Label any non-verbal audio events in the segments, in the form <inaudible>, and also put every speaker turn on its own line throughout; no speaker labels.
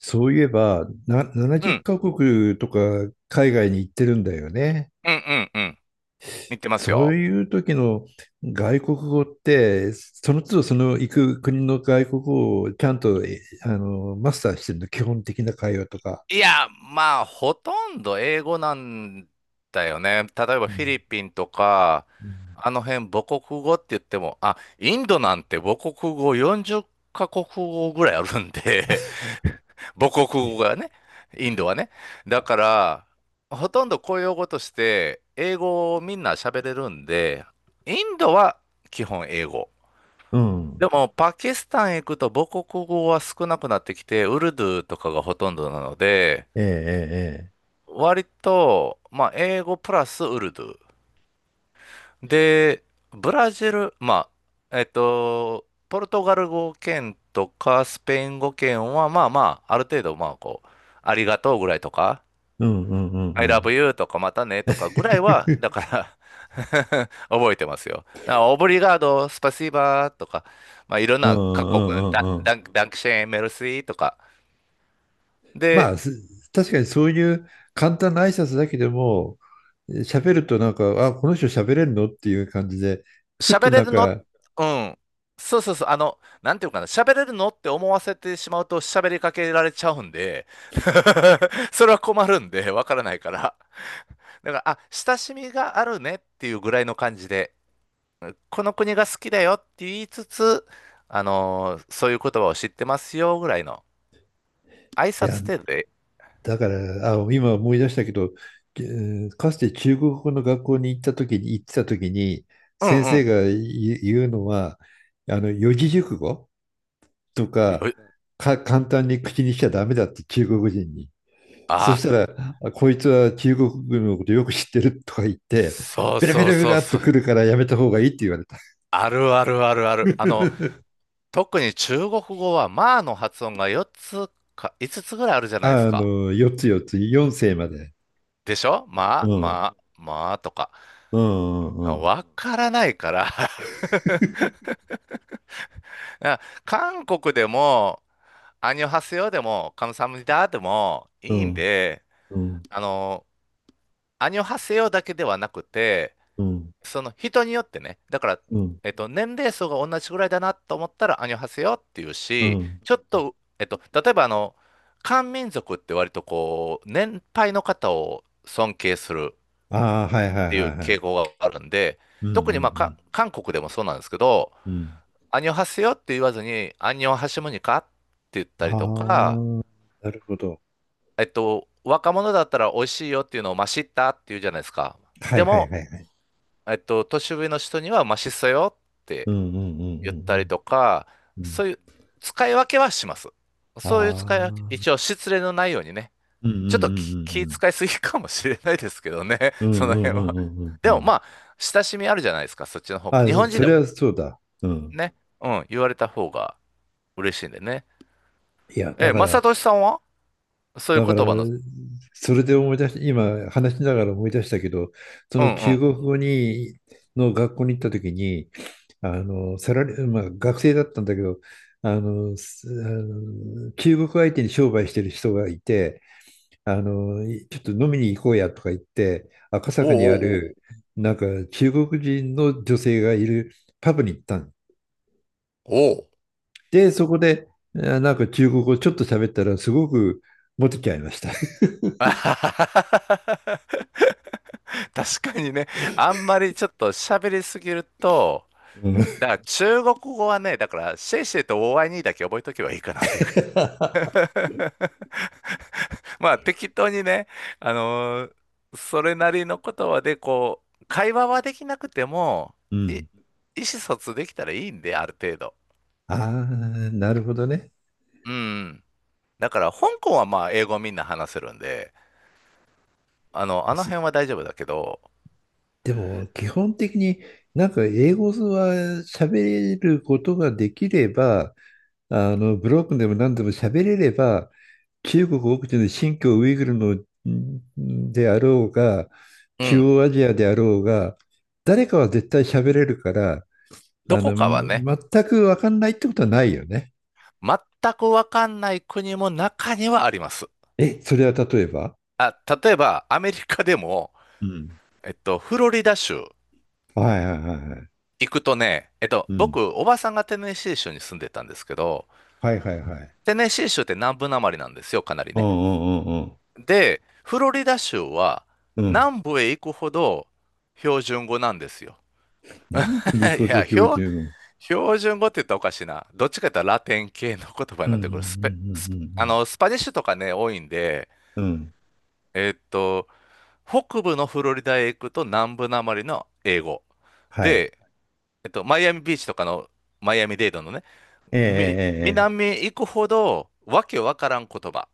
そういえば、
う
70
ん、
カ国とか海外に行ってるんだよね。
うん、うん、うん。似てます
そう
よ。
いう時の外国語って、その都度その行く国の外国語をちゃんと、えあの、マスターしてるの？基本的な会話とか。
いや、まあ、ほとんど英語なんだよね。例えば
う
フィリ
ん
ピンとか、
うん
あの辺母国語って言っても、インドなんて母国語40カ国語ぐらいあるんで、<laughs> 母国語が
え
ね、インドはね。だから、ほとんど公用語として、英語をみんな喋れるんで、インドは基本英語。
うん。
でも、パキスタン行くと母国語は少なくなってきて、ウルドゥーとかがほとんどなので、
ええ、ええ、ええ、
割と、まあ、英語プラスウルドゥー。で、ブラジル、まあ、ポルトガル語圏とかスペイン語圏は、まあまあ、ある程度、まあ、こう、ありがとうぐらいとか、
うんうんうん
I
う
love
ん。
you とかまたねとかぐらいは、だ
<laughs>
から <laughs> 覚えてますよ。だからオブリガード、スパシーバーとか、まあ、いろん
うん
な各
う
国の
んうんうん。
ダンクシェーン、メルシーとか。
ま
で、
あ、す確かにそういう簡単な挨拶だけでも、喋るとなんか、あ、この人喋れるのっていう感じで、ふっと
喋れ
なん
るの、
か。
うん。そうそうそう、あの、なんていうかな、喋れるのって思わせてしまうと喋りかけられちゃうんで、<laughs> それは困るんで、わからないから。だから、あ、親しみがあるねっていうぐらいの感じで。この国が好きだよって言いつつ、そういう言葉を知ってますよぐらいの挨
いや、
拶程度で、
だから、あ、今思い出したけど、かつて中国語の学校に行った時に、
う
先
んう
生
ん。
が言うのは、あの、四字熟語とか、
よ
簡単に口にしちゃダメだって中国人に。そ
あ
したら、あこいつは中国軍のことよく知ってるとか言って、
そう
ベラベ
そう
ラベ
そ
ラ
う
っと
そう。
来るからやめた方がいいって言われた。
あるあるあるある。あの、
<laughs>
特に中国語は、まあの発音が4つか5つつぐらいあるじゃないです
あ
か。
の、4つ、4つ、4世まで。
でしょ
う
まあ、
ん、
まあ、まあとか。
うん、うん
わからないから <laughs> 韓国でも、アンニョハセヨでも、カムサハムニダでも
う
いいん
ん、
で、
うん、うん、
あの、アニョハセヨだけではなくて、その人によってね、だから、
うん、
年齢層が同じぐらいだなと思ったら、アニョハセヨっていう
う
し、
ん。
ちょっと、例えばあの、漢民族って割とこう、年配の方を尊敬するっ
ああ、はいはい
て
は
いう
いは
傾向
い。
があるんで、
うん、う
特にまあ、
ん、
韓国でもそうなんですけど、
うん、うん。
アニョハセヨって言わずに、アニョハシムニカって言ったり
あ
とか、
あ、なるほど。
若者だったら美味しいよっていうのを、まあ、知ったっていうじゃないですか。
は
で
いはい
も、
はいはい。
年上の人にはマシっそよっ
う
て
ん、うん、
言っ
う
たり
ん、
とか、
うん、うん。うん、
そういう使い分けはします。
あ
そういう使い分け、一応
あ、
失礼のないようにね。
うん、うん、う
ちょっと気
ん、
使いすぎかもしれないですけどね、
う
<laughs> そ
ん、う
の
ん、
辺
うん、
は。
うん、うん、うん。
で
う
も
ん、
まあ、親しみあるじゃないですか、そっちの方が。
あ、
日本人
そ
でも
れはそうだ。うん。
ね、うん、言われた方が嬉しいんでね。
いや、だ
え、
か
正
ら、
俊さんはそういう
だから、
言葉の、
それで思い出し、今話しながら思い出したけど、そ
うん
の
う
中
ん。
国語に、の学校に行った時に、あの、サラリー、まあ学生だったんだけど、あの、あの中国相手に商売してる人がいて、あの、ちょっと飲みに行こうやとか言って、赤
お
坂にあ
うおうお
る、
う
なんか中国人の女性がいるパブに行ったん
おう。おう
で、そこで、あなんか中国語ちょっと喋ったら、すごくモテちゃいました。<laughs>
あははははは <laughs> 確かにね、あんまりちょっと喋りすぎると、
うん。
だから中国語はね、だからシェイシェイとオーアイニーだけ覚えとけばいいかなっていうか
<laughs>
<laughs> まあ適当にね、あのーそれなりの言葉でこう、会話はできなくても、
う
意
ん。
思疎通できたらいいんで、ある程度。
<laughs> ああ、なるほどね。
うん。だから香港はまあ英語みんな話せるんで、あの
す
辺は大丈夫だけど、
でも、基本的になんか英語は喋ることができれば、あの、ブロックでも何でも喋れれば、中国奥地の新疆ウイグルのんであろうが、
う
中
ん。
央アジアであろうが、誰かは絶対喋れるから、
ど
あ
こか
の、
はね、
全く分かんないってことはないよね。
全くわかんない国も中にはあります。
え、それは例えば、
あ、例えばアメリカでも、
うん。
フロリダ州
はいはいはいはい。
行くとね、
うん。
僕、おばさんがテネシー州に住んでたんですけど、
はいはいはい。
テネシー州って南部なまりなんですよ、かなり
うん
ね。
うんうん
で、フロリダ州は
うん。うん。
南部へ行くほど標準語なんですよ。
南部に行く
<laughs> い
こと
や、
標準語。
標準語って言ったらおかしいな。どっちかというとラテン系の言葉
う
に
ん
な
う
っ
んう
てくる。スペ、スあの、
ん
スパニッシュとかね、多いんで、
うんうんうん。うん。
えっと、北部のフロリダへ行くと南部なまりの英語。
はい。
で、マイアミビーチとかのマイアミデイドのね、
えええええ
南
え。
へ行くほど、わけわからん言葉。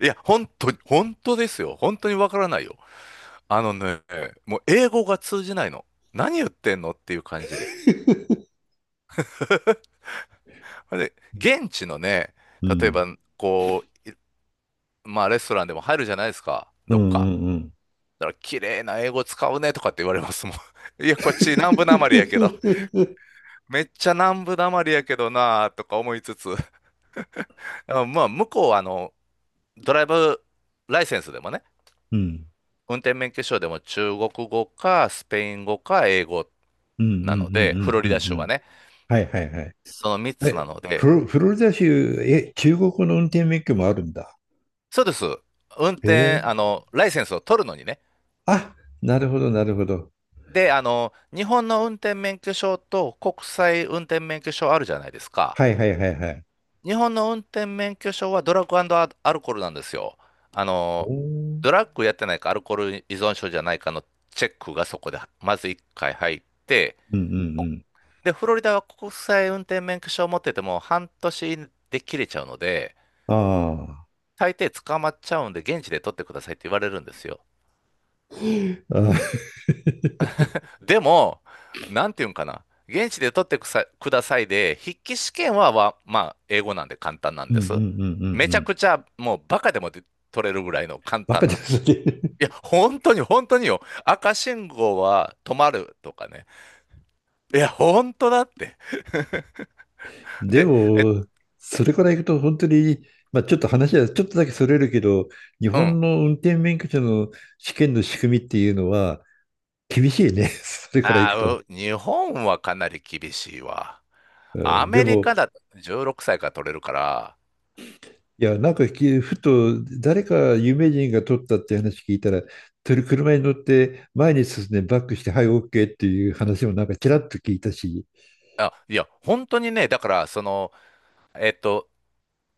いや、本当に、本当ですよ。本当にわからないよ。あのね、もう英語が通じないの。何言ってんのっていう感じで。<laughs> で、現地のね、
う
例え
ん。
ば、こう、まあ、レストランでも入るじゃないですか、
うん
ど
う
っか。
んうん。
だから、綺麗な英語使うねとかって言われますもん。<laughs> いや、こっち南部なまりやけど、めっちゃ南部なまりやけどなとか思いつつ、あまあ、向こうは、あの、ドライブライセンスでもね、
うん。
運転免許証でも中国語かスペイン語か英語
うんうんうんう
なので、フ
ん
ロ
う
リダ
ん
州
う
は
ん。
ね、
はいはいはい。
その3つな
え、
ので、
フロリダ州、え、中国の運転免許もあるんだ。
そうです。運
へ
転、あ
え。
の、ライセンスを取るのにね。
あ、なるほどなるほど。
で、あの、日本の運転免許証と国際運転免許証あるじゃないですか。
はいはいはいはい。
日本の運転免許証はドラッグアルコールなんですよ。あ
お
の、
ー、
ドラッグやってないかアルコール依存症じゃないかのチェックがそこでまず1回入って、
うんう
国
ん
で、フロリダは国際運転免許証を持ってても半年で切れちゃうので、
うん。あ
大抵捕まっちゃうんで、現地で取ってくださいって言われるんですよ。
あ。あー。
でも、なんていうんかな。現地で取ってくさくださいで、筆記試験は、まあ、英語なんで簡単な
<laughs>
ん
うん
で
うんうんうん
す。め
う
ちゃ
ん。
くちゃ、もうバカでもで取れるぐらいの簡
バカ
単
で
な。
すね。
いや、本当に本当によ。赤信号は止まるとかね。いや、本当だって。
で
で、え、
も、それからいくと本当に、まあ、ちょっと話はちょっとだけそれるけど、日
うん。
本の運転免許証の試験の仕組みっていうのは厳しいね、<laughs> それからい
あ
く
あ、
と。
日本はかなり厳しいわ。
う
ア
ん、で
メリ
も、
カだと16歳から取れるから、
いや、なんかふと誰か有名人が取ったって話聞いたら、とり車に乗って前に進んでバックして、はい、OK っていう話もなんかちらっと聞いたし。
あ、いや、本当にね、だから、その、えっと、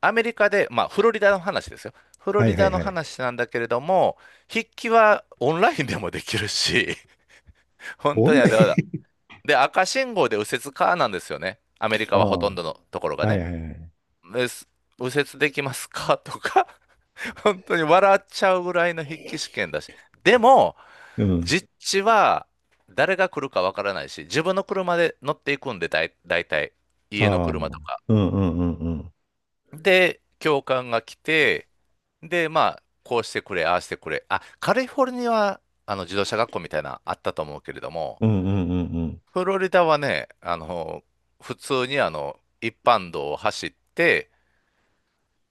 アメリカで、まあ、フロリダの話ですよ。フロ
はい
リ
はい
ダの
はい。
話なんだけれども、筆記はオンラインでもできるし、<laughs> 本
オ
当
ン
にあ
ラ
の、
イ
だから
ン。
で、赤信号で右折かなんですよね。アメリ
あ
カはほ
あ、は
とんどのところ
い
が
はい
ね。
はい。
です右折できますかとか本当に笑っちゃうぐらいの筆記試験だし。でも、
うん。
実地は誰が来るかわからないし、自分の車で乗っていくんで、たい家の
はあ。うん
車とか。
うんうんうん。
で、教官が来て、で、まあ、こうしてくれ、ああしてくれ。あ、カリフォルニアはあの自動車学校みたいなのあったと思うけれども、
うんうんうんうん。
フロリダはね、あの、普通にあの、一般道を走って、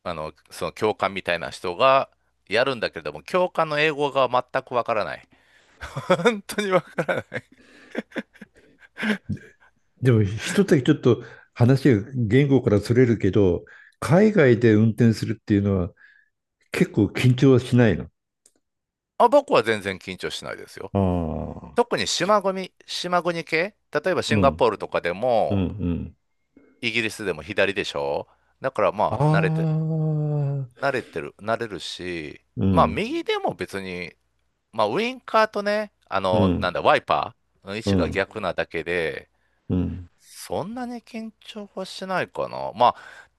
あの、その教官みたいな人がやるんだけれども、教官の英語が全くわからない。本当にわからない。
でも一つだけちょっと話が言語からそれるけど、海外で運転するっていうのは結構緊張はしないの？
あ、僕は全然緊張しないですよ。
ああ、
特に島国、島国系、例えば
う
シンガポ
ん、
ールとかで
うん、
も、
うん。
イギリスでも左でしょだから
あ
まあ、
あ、
慣れてる、慣れるし、
う
まあ、
ん、
右でも別に、まあ、ウインカーとね、あ
う
の、な
ん、
んだ、ワイパーの位
う
置
ん、う
が
ん、
逆なだけで、
うん、うん、
そんなに緊張はしないかな。まあ、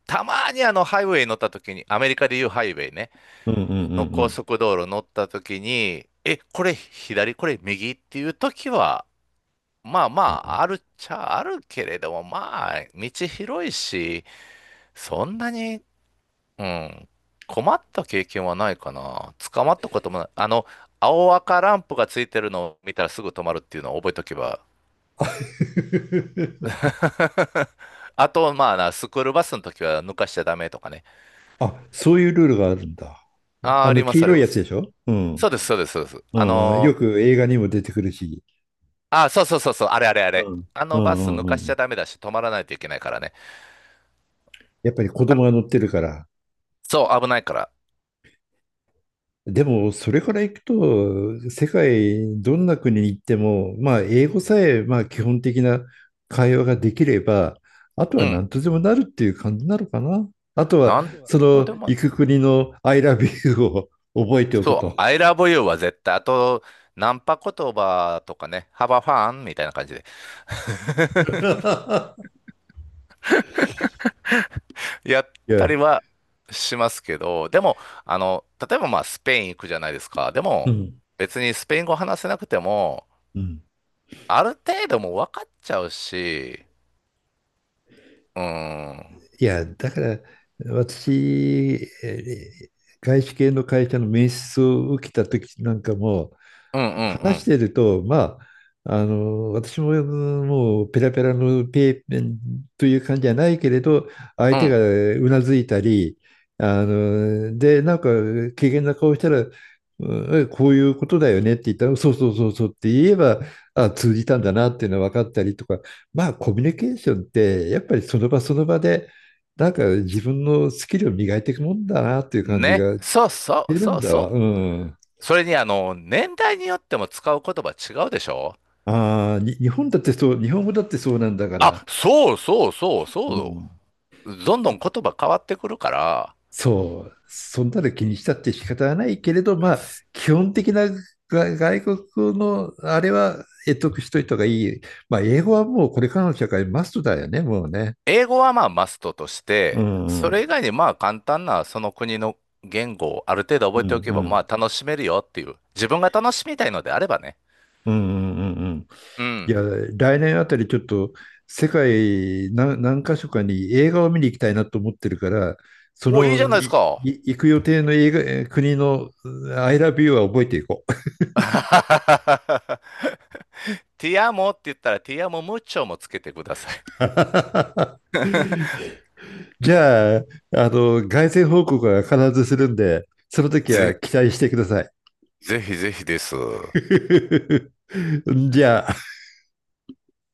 たまにあの、ハイウェイ乗った時に、アメリカでいうハイウェイね。
うんう
の高
ん。
速道路乗った時に、え、これ左、これ右っていう時は、まあま
あー。
あ、あるっちゃあるけれども、まあ、道広いし、そんなに、うん、困った経験はないかな。捕まったこともない。あの、青赤ランプがついてるのを見たらすぐ止まるっていうのを覚えとけば。
<laughs>
<laughs> あと、まあな、スクールバスの時は抜かしちゃダメとかね。
あ、そういうルールがあるんだ。
あー、
あ
あり
の
ま
黄
す、あり
色い
ま
やつ
す。
でしょ？う
そ
ん、
うです、そうです、そうです。
うん、うん。よく映画にも出てくるし。
あ、そうそうそうそう、あれあれあ
う
れ。
ん、
あ
う
のバス
ん、
抜
うん、う
かしち
ん。
ゃダメだし、止まらないといけないからね。
やっぱり子
あ、
供が乗ってるから。
そう、危ないから。
でも、それから行くと、世界どんな国に行っても、まあ、英語さえ、まあ、基本的な会話ができれば、あとは
うん。
何とでもなるっていう感じなのかな。あとは、
なん
そ
とで
の
も、
行く国の I love you を覚えておく
そう、
と。
I love you は絶対、あと、ナンパ言葉とかね、ハバファンみたいな感じで、
<laughs>
やっ
いや、
たりはしますけど、でも、あの、例えばまあ、スペイン行くじゃないですか。で
う
も、
ん、
別にスペイン語話せなくても、
うん。
ある程度もう分かっちゃうし、うん、うん
いや、だから、私、えー外資系の会社の面接を受けた時なんかも、
うんう
話し
ん、
てると、まあ、あの、私も、もうペラペラのペーペンという感じじゃないけれど、相手が
う
うなずいたり、あの、で、なんか、怪げな顔したら、うんえこういうことだよねって言ったら、そうそうそうそうって言えば、あ、通じたんだなっていうのは分かったりとか、まあ、コミュニケーションって、やっぱりその場その場で、なんか自分のスキルを磨いていくもんだなっていう
ん。
感じ
ね、
がし
そうそ
て
う、
る
そ
ん
う
だわ。
そ
う
う、
ん。
それにあの、年代によっても使う言葉違うでしょ
ああ、日本だってそう、日本語だってそうなんだから、
あ、そうそうそう
う
そ
ん、
う。どんどん言葉変わってくるから、
そう、そんなの気にしたって仕方はないけれど、まあ、
す
基本的な外国のあれは得しといた方がいい。まあ、英語はもうこれからの社会マストだよね、もうね。
英語はまあマストとし
う
て、
んう
そ
ん。
れ以外にまあ簡単なその国の言語をある程度
う
覚えてお
ん
け
う
ばま
ん
あ楽しめるよっていう。自分が楽しみたいのであればね。
うんうんうんうん。
う
い
ん。
や、来年あたりちょっと世界何箇所かに映画を見に行きたいなと思ってるから、そ
お、いいじゃ
の
ないです
い
か。
い行く予定の映画国のI love you は覚えていこう。
<laughs> ティアモって言ったらティアモムッチョもつけてください。
<laughs> じゃあ、あの、凱旋報告は必ずするんで、その時は
ぜ、
期待してください。
ぜひぜひです。
<laughs> じゃあ。